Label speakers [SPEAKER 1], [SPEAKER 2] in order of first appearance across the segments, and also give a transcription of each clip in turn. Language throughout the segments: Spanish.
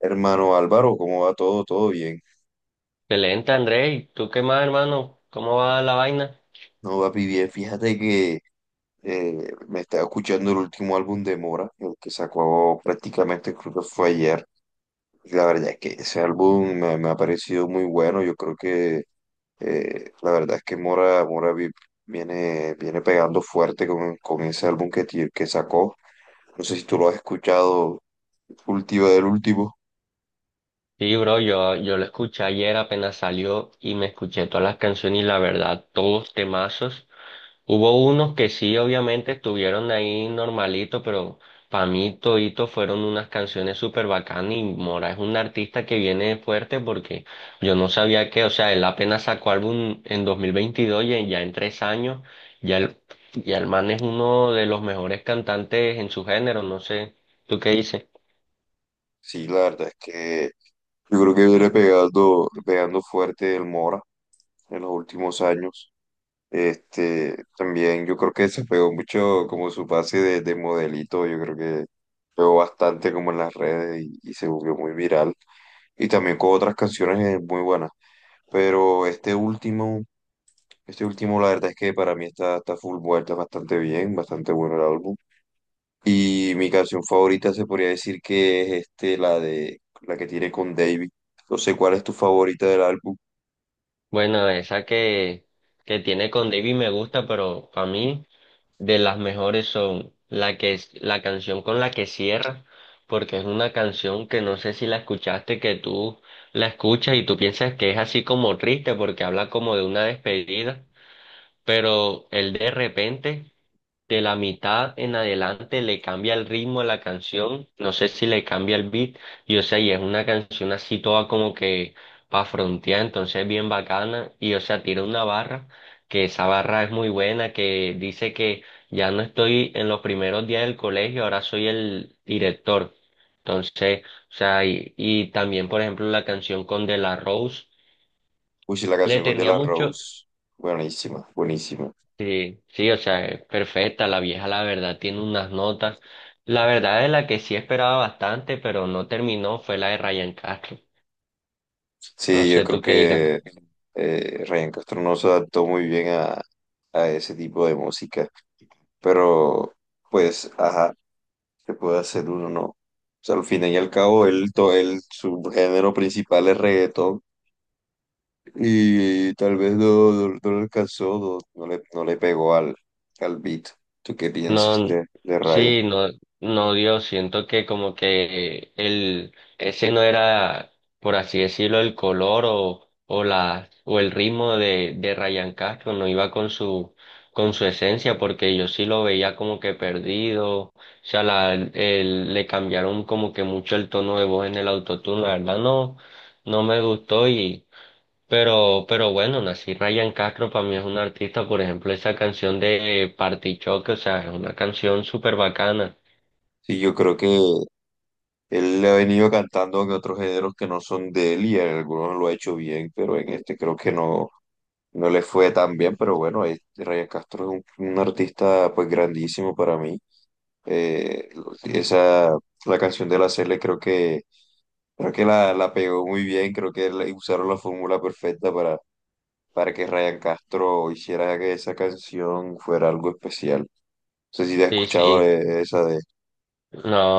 [SPEAKER 1] Hermano Álvaro, ¿cómo va todo? ¿Todo bien?
[SPEAKER 2] Excelente, André. ¿Y tú qué más, hermano? ¿Cómo va la vaina?
[SPEAKER 1] No, papi, bien. Fíjate que me estaba escuchando el último álbum de Mora, el que sacó prácticamente, creo que fue ayer. Y la verdad es que ese álbum me ha parecido muy bueno. Yo creo que la verdad es que viene pegando fuerte con ese álbum que sacó. No sé si tú lo has escuchado, último del último.
[SPEAKER 2] Sí, bro, yo lo escuché ayer, apenas salió y me escuché todas las canciones y la verdad, todos temazos. Hubo unos que sí, obviamente, estuvieron ahí normalito, pero para mí todito fueron unas canciones súper bacanas y Mora es un artista que viene fuerte porque yo no sabía que, o sea, él apenas sacó álbum en 2022 y ya en 3 años, ya el, ya el man es uno de los mejores cantantes en su género, no sé, ¿tú qué dices?
[SPEAKER 1] Sí, la verdad es que yo creo que viene pegando fuerte el Mora en los últimos años. Este, también yo creo que se pegó mucho como su pase de modelito, yo creo que pegó bastante como en las redes y se volvió muy viral. Y también con otras canciones muy buenas. Pero este último la verdad es que para mí está full vuelta, bastante bien, bastante bueno el álbum. Y mi canción favorita se podría decir que es este, la de la que tiene con David. No sé cuál es tu favorita del álbum.
[SPEAKER 2] Bueno, esa que tiene con David me gusta, pero para mí de las mejores son la que es la canción con la que cierra, porque es una canción que no sé si la escuchaste, que tú la escuchas y tú piensas que es así como triste porque habla como de una despedida, pero el de repente de la mitad en adelante le cambia el ritmo a la canción, no sé si le cambia el beat, y o sea, y es una canción así toda como que pa' frontear, entonces bien bacana, y o sea, tira una barra, que esa barra es muy buena, que dice que ya no estoy en los primeros días del colegio, ahora soy el director. Entonces, o sea, y también, por ejemplo, la canción con De La Rose,
[SPEAKER 1] Uy, sí, la
[SPEAKER 2] le
[SPEAKER 1] canción con De
[SPEAKER 2] tenía
[SPEAKER 1] La
[SPEAKER 2] mucho.
[SPEAKER 1] Rose. Buenísima, buenísima.
[SPEAKER 2] Sí, sí, o sea, es perfecta, la vieja la verdad tiene unas notas. La verdad es la que sí esperaba bastante, pero no terminó, fue la de Ryan Castro. No
[SPEAKER 1] Sí, yo
[SPEAKER 2] sé
[SPEAKER 1] creo
[SPEAKER 2] tú qué dirás.
[SPEAKER 1] que Ryan Castro no se adaptó muy bien a ese tipo de música. Pero, pues, ajá, se puede hacer uno, ¿no? O sea, al fin y al cabo, él, su género principal es reggaetón. Y tal vez no le alcanzó, no le pegó al beat. ¿Tú qué piensas
[SPEAKER 2] No,
[SPEAKER 1] de Raya?
[SPEAKER 2] sí, no, no dio. Siento que como que ese no era, por así decirlo, el color o el ritmo de Ryan Castro, no iba con su esencia, porque yo sí lo veía como que perdido. O sea, le cambiaron como que mucho el tono de voz en el autotune. La verdad no, no me gustó pero bueno, Nací Ryan Castro para mí es un artista, por ejemplo, esa canción de Party Choque, o sea, es una canción súper bacana.
[SPEAKER 1] Sí, yo creo que él le ha venido cantando en otros géneros que no son de él y en algunos lo ha hecho bien, pero en este creo que no, no le fue tan bien. Pero bueno, Ryan Castro es un artista pues grandísimo para mí. Eh, esa, la canción de la Cele creo que la pegó muy bien, creo que le- usaron la fórmula perfecta para que Ryan Castro hiciera que esa canción fuera algo especial. No sé si te has
[SPEAKER 2] Sí,
[SPEAKER 1] escuchado
[SPEAKER 2] sí.
[SPEAKER 1] esa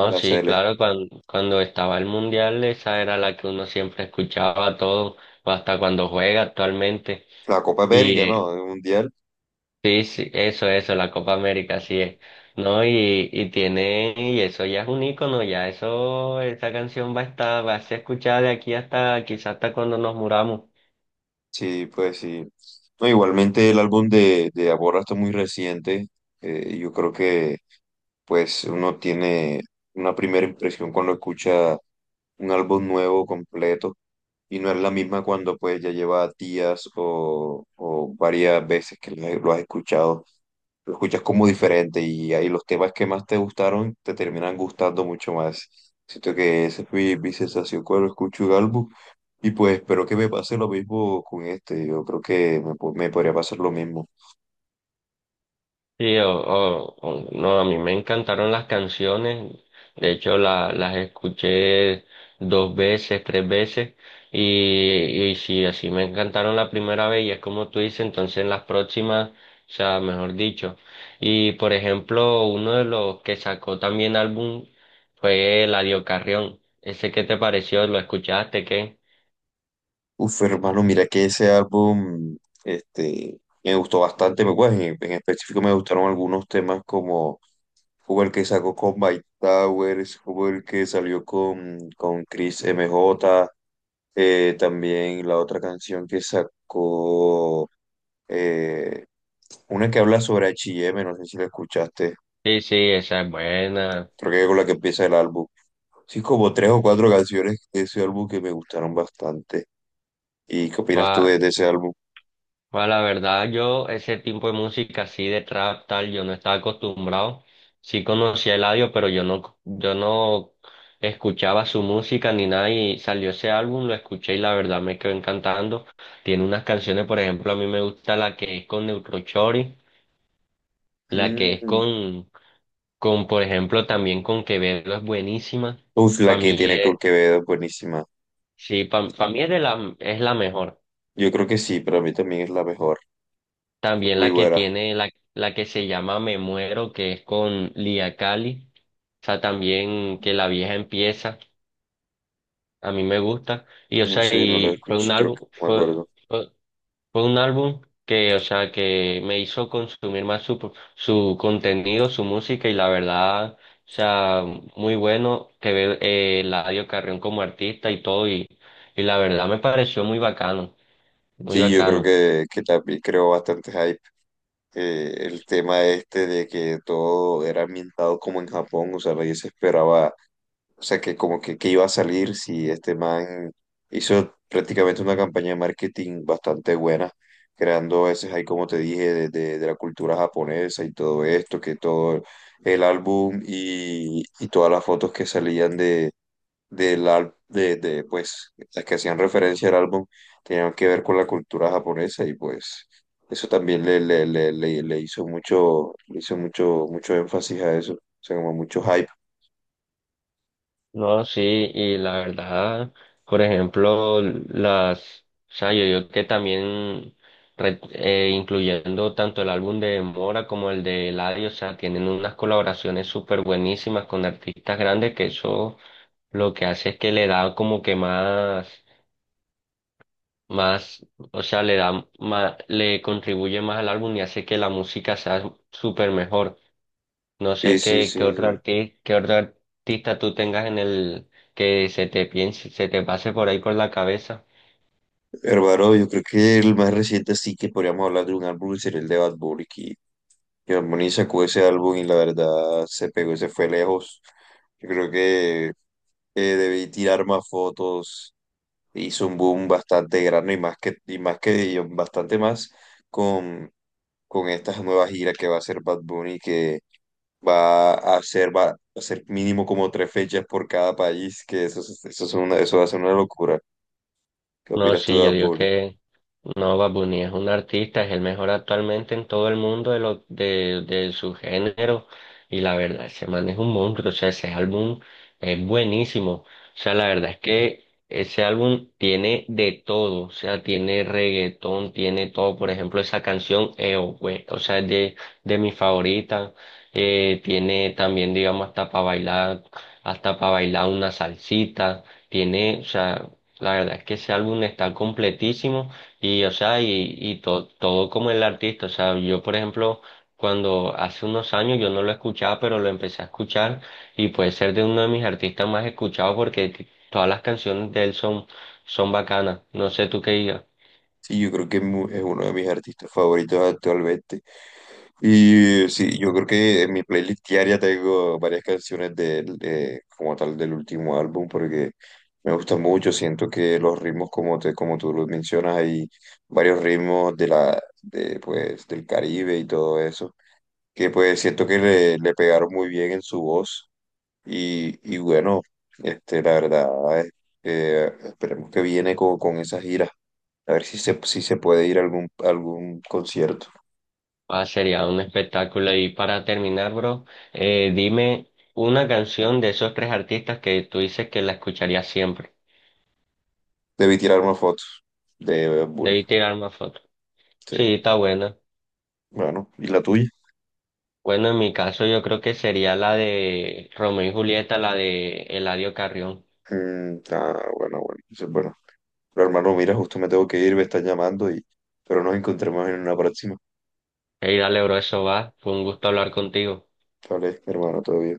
[SPEAKER 1] de la
[SPEAKER 2] sí,
[SPEAKER 1] Cele.
[SPEAKER 2] claro, cuando estaba el mundial, esa era la que uno siempre escuchaba todo, hasta cuando juega actualmente.
[SPEAKER 1] La Copa
[SPEAKER 2] Y
[SPEAKER 1] América, ¿no? El Mundial.
[SPEAKER 2] sí, sí, eso, la Copa América, así es. No, y tiene, y eso ya es un ícono, ya eso, esa canción va a estar, va a ser escuchada de aquí hasta, quizás hasta cuando nos muramos.
[SPEAKER 1] Sí, pues sí. No, igualmente el álbum de Aborra está muy reciente. Yo creo que pues uno tiene una primera impresión cuando escucha un álbum nuevo, completo, y no es la misma cuando pues ya lleva días o varias veces que lo has escuchado. Lo escuchas como diferente y ahí los temas que más te gustaron te terminan gustando mucho más. Siento que esa fue mi sensación cuando escucho un álbum. Y pues espero que me pase lo mismo con este. Yo creo que me, po- me podría pasar lo mismo.
[SPEAKER 2] Sí, no, a mí me encantaron las canciones, de hecho las escuché dos veces, tres veces, y sí, así me encantaron la primera vez, y es como tú dices, entonces en las próximas, o sea, mejor dicho. Y por ejemplo, uno de los que sacó también álbum fue Eladio Carrión, ¿ese qué te pareció? ¿Lo escuchaste, qué?
[SPEAKER 1] Uf, hermano, mira que ese álbum, este, me gustó bastante. Me- pues, en específico me gustaron algunos temas como, como el que sacó con Mike Towers, como el que salió con Chris MJ, también la otra canción que sacó, eh, una que habla sobre H y M, no sé si la escuchaste.
[SPEAKER 2] Sí, sí, esa es buena.
[SPEAKER 1] Creo que con la que empieza el álbum. Sí, como tres o cuatro canciones de ese álbum que me gustaron bastante. ¿Y qué opinas tú de ese álbum?
[SPEAKER 2] Pues la verdad, yo ese tipo de música así de trap tal, yo no estaba acostumbrado. Sí conocía el audio, pero yo no escuchaba su música ni nada y salió ese álbum, lo escuché y la verdad me quedó encantando. Tiene unas canciones, por ejemplo, a mí me gusta la que es con Neutrochori, la que es
[SPEAKER 1] Mm.
[SPEAKER 2] con, por ejemplo, también con Quevedo es buenísima.
[SPEAKER 1] Uf, la
[SPEAKER 2] Para
[SPEAKER 1] que
[SPEAKER 2] mí
[SPEAKER 1] tiene
[SPEAKER 2] es,
[SPEAKER 1] con Quevedo, buenísima.
[SPEAKER 2] sí, para mí es la mejor.
[SPEAKER 1] Yo creo que sí, para mí también es la mejor.
[SPEAKER 2] También
[SPEAKER 1] Muy
[SPEAKER 2] la que
[SPEAKER 1] buena.
[SPEAKER 2] tiene, la que se llama Me Muero, que es con Lia Cali. O sea, también que la vieja empieza, a mí me gusta. Y o
[SPEAKER 1] No
[SPEAKER 2] sea,
[SPEAKER 1] sé, no la
[SPEAKER 2] y fue
[SPEAKER 1] escuché,
[SPEAKER 2] un
[SPEAKER 1] creo
[SPEAKER 2] álbum,
[SPEAKER 1] que no me
[SPEAKER 2] fue,
[SPEAKER 1] acuerdo.
[SPEAKER 2] fue, fue un álbum que, o sea, que me hizo consumir más su contenido, su música, y la verdad, o sea, muy bueno que ve Eladio Carrión como artista y todo, y la verdad me pareció muy bacano, muy
[SPEAKER 1] Sí, yo creo
[SPEAKER 2] bacano.
[SPEAKER 1] que también creó bastante hype. El tema este de que todo era ambientado como en Japón, o sea, nadie se esperaba, o sea, que como que iba a salir si este man hizo prácticamente una campaña de marketing bastante buena, creando ese hype como te dije, de la cultura japonesa y todo esto, que todo el álbum y todas las fotos que salían de, del al- de, pues, las que hacían referencia al álbum tenían que ver con la cultura japonesa y pues eso también le hizo mucho, mucho énfasis a eso, o sea, como mucho hype.
[SPEAKER 2] No, sí, y la verdad, por ejemplo, o sea, yo digo que también, incluyendo tanto el álbum de Mora como el de Eladio, o sea, tienen unas colaboraciones súper buenísimas con artistas grandes que eso lo que hace es que le da como que más, más, o sea, le da más, le contribuye más al álbum y hace que la música sea súper mejor. No
[SPEAKER 1] Sí,
[SPEAKER 2] sé
[SPEAKER 1] sí,
[SPEAKER 2] qué, qué
[SPEAKER 1] sí,
[SPEAKER 2] otro
[SPEAKER 1] sí.
[SPEAKER 2] artista, qué otro artista tú tengas en el que se te pase por ahí por la cabeza.
[SPEAKER 1] Hermano, yo creo que el más reciente sí que podríamos hablar de un álbum sería el de Bad Bunny, que Bad Bunny sacó ese álbum y la verdad se pegó, y se fue lejos. Yo creo que debí tirar más fotos, hizo un boom bastante grande y más y bastante más con con estas nuevas giras que va a hacer Bad Bunny, que va a hacer mínimo como tres fechas por cada país, que eso, es una, eso va a ser una locura. ¿Qué
[SPEAKER 2] No,
[SPEAKER 1] opinas tú
[SPEAKER 2] sí,
[SPEAKER 1] de
[SPEAKER 2] yo
[SPEAKER 1] Bad
[SPEAKER 2] digo
[SPEAKER 1] Bunny?
[SPEAKER 2] que no, Bad Bunny es un artista, es el mejor actualmente en todo el mundo de su género, y la verdad, ese man es un monstruo, o sea, ese álbum es buenísimo. O sea, la verdad es que ese álbum tiene de todo, o sea, tiene reggaetón, tiene todo. Por ejemplo, esa canción, o güey, o sea, es de mi favorita. Tiene también, digamos, hasta para bailar una salsita. Tiene, o sea, la verdad es que ese álbum está completísimo y, o sea, todo como el artista. O sea, yo, por ejemplo, cuando hace unos años yo no lo escuchaba, pero lo empecé a escuchar y puede ser de uno de mis artistas más escuchados porque todas las canciones de él son, son, bacanas. No sé tú qué digas.
[SPEAKER 1] Sí, yo creo que es mu- es uno de mis artistas favoritos actualmente. Y sí, yo creo que en mi playlist diaria tengo varias canciones de él, como tal del último álbum, porque me gusta mucho. Siento que los ritmos, como tú los mencionas, hay varios ritmos pues, del Caribe y todo eso, que pues siento que le pegaron muy bien en su voz. Y bueno, este, la verdad, eh, esperemos que viene con esa gira. A ver si se, si se puede ir a algún concierto.
[SPEAKER 2] Ah, sería un espectáculo. Y para terminar, bro, dime una canción de esos tres artistas que tú dices que la escucharías siempre.
[SPEAKER 1] Debí tirar una foto de Bad Bunny.
[SPEAKER 2] Debí tirar más fotos.
[SPEAKER 1] Sí.
[SPEAKER 2] Sí, está buena.
[SPEAKER 1] Bueno, ¿y la tuya?
[SPEAKER 2] Bueno, en mi caso yo creo que sería la de Romeo y Julieta, la de Eladio Carrión.
[SPEAKER 1] Mm, ah, bueno, bueno. Dice, bueno. Pero hermano, mira, justo me tengo que ir, me están llamando y... Pero nos encontremos en una próxima.
[SPEAKER 2] Hey, dale, bro, eso va. Fue un gusto hablar contigo.
[SPEAKER 1] Vale, hermano, todo bien.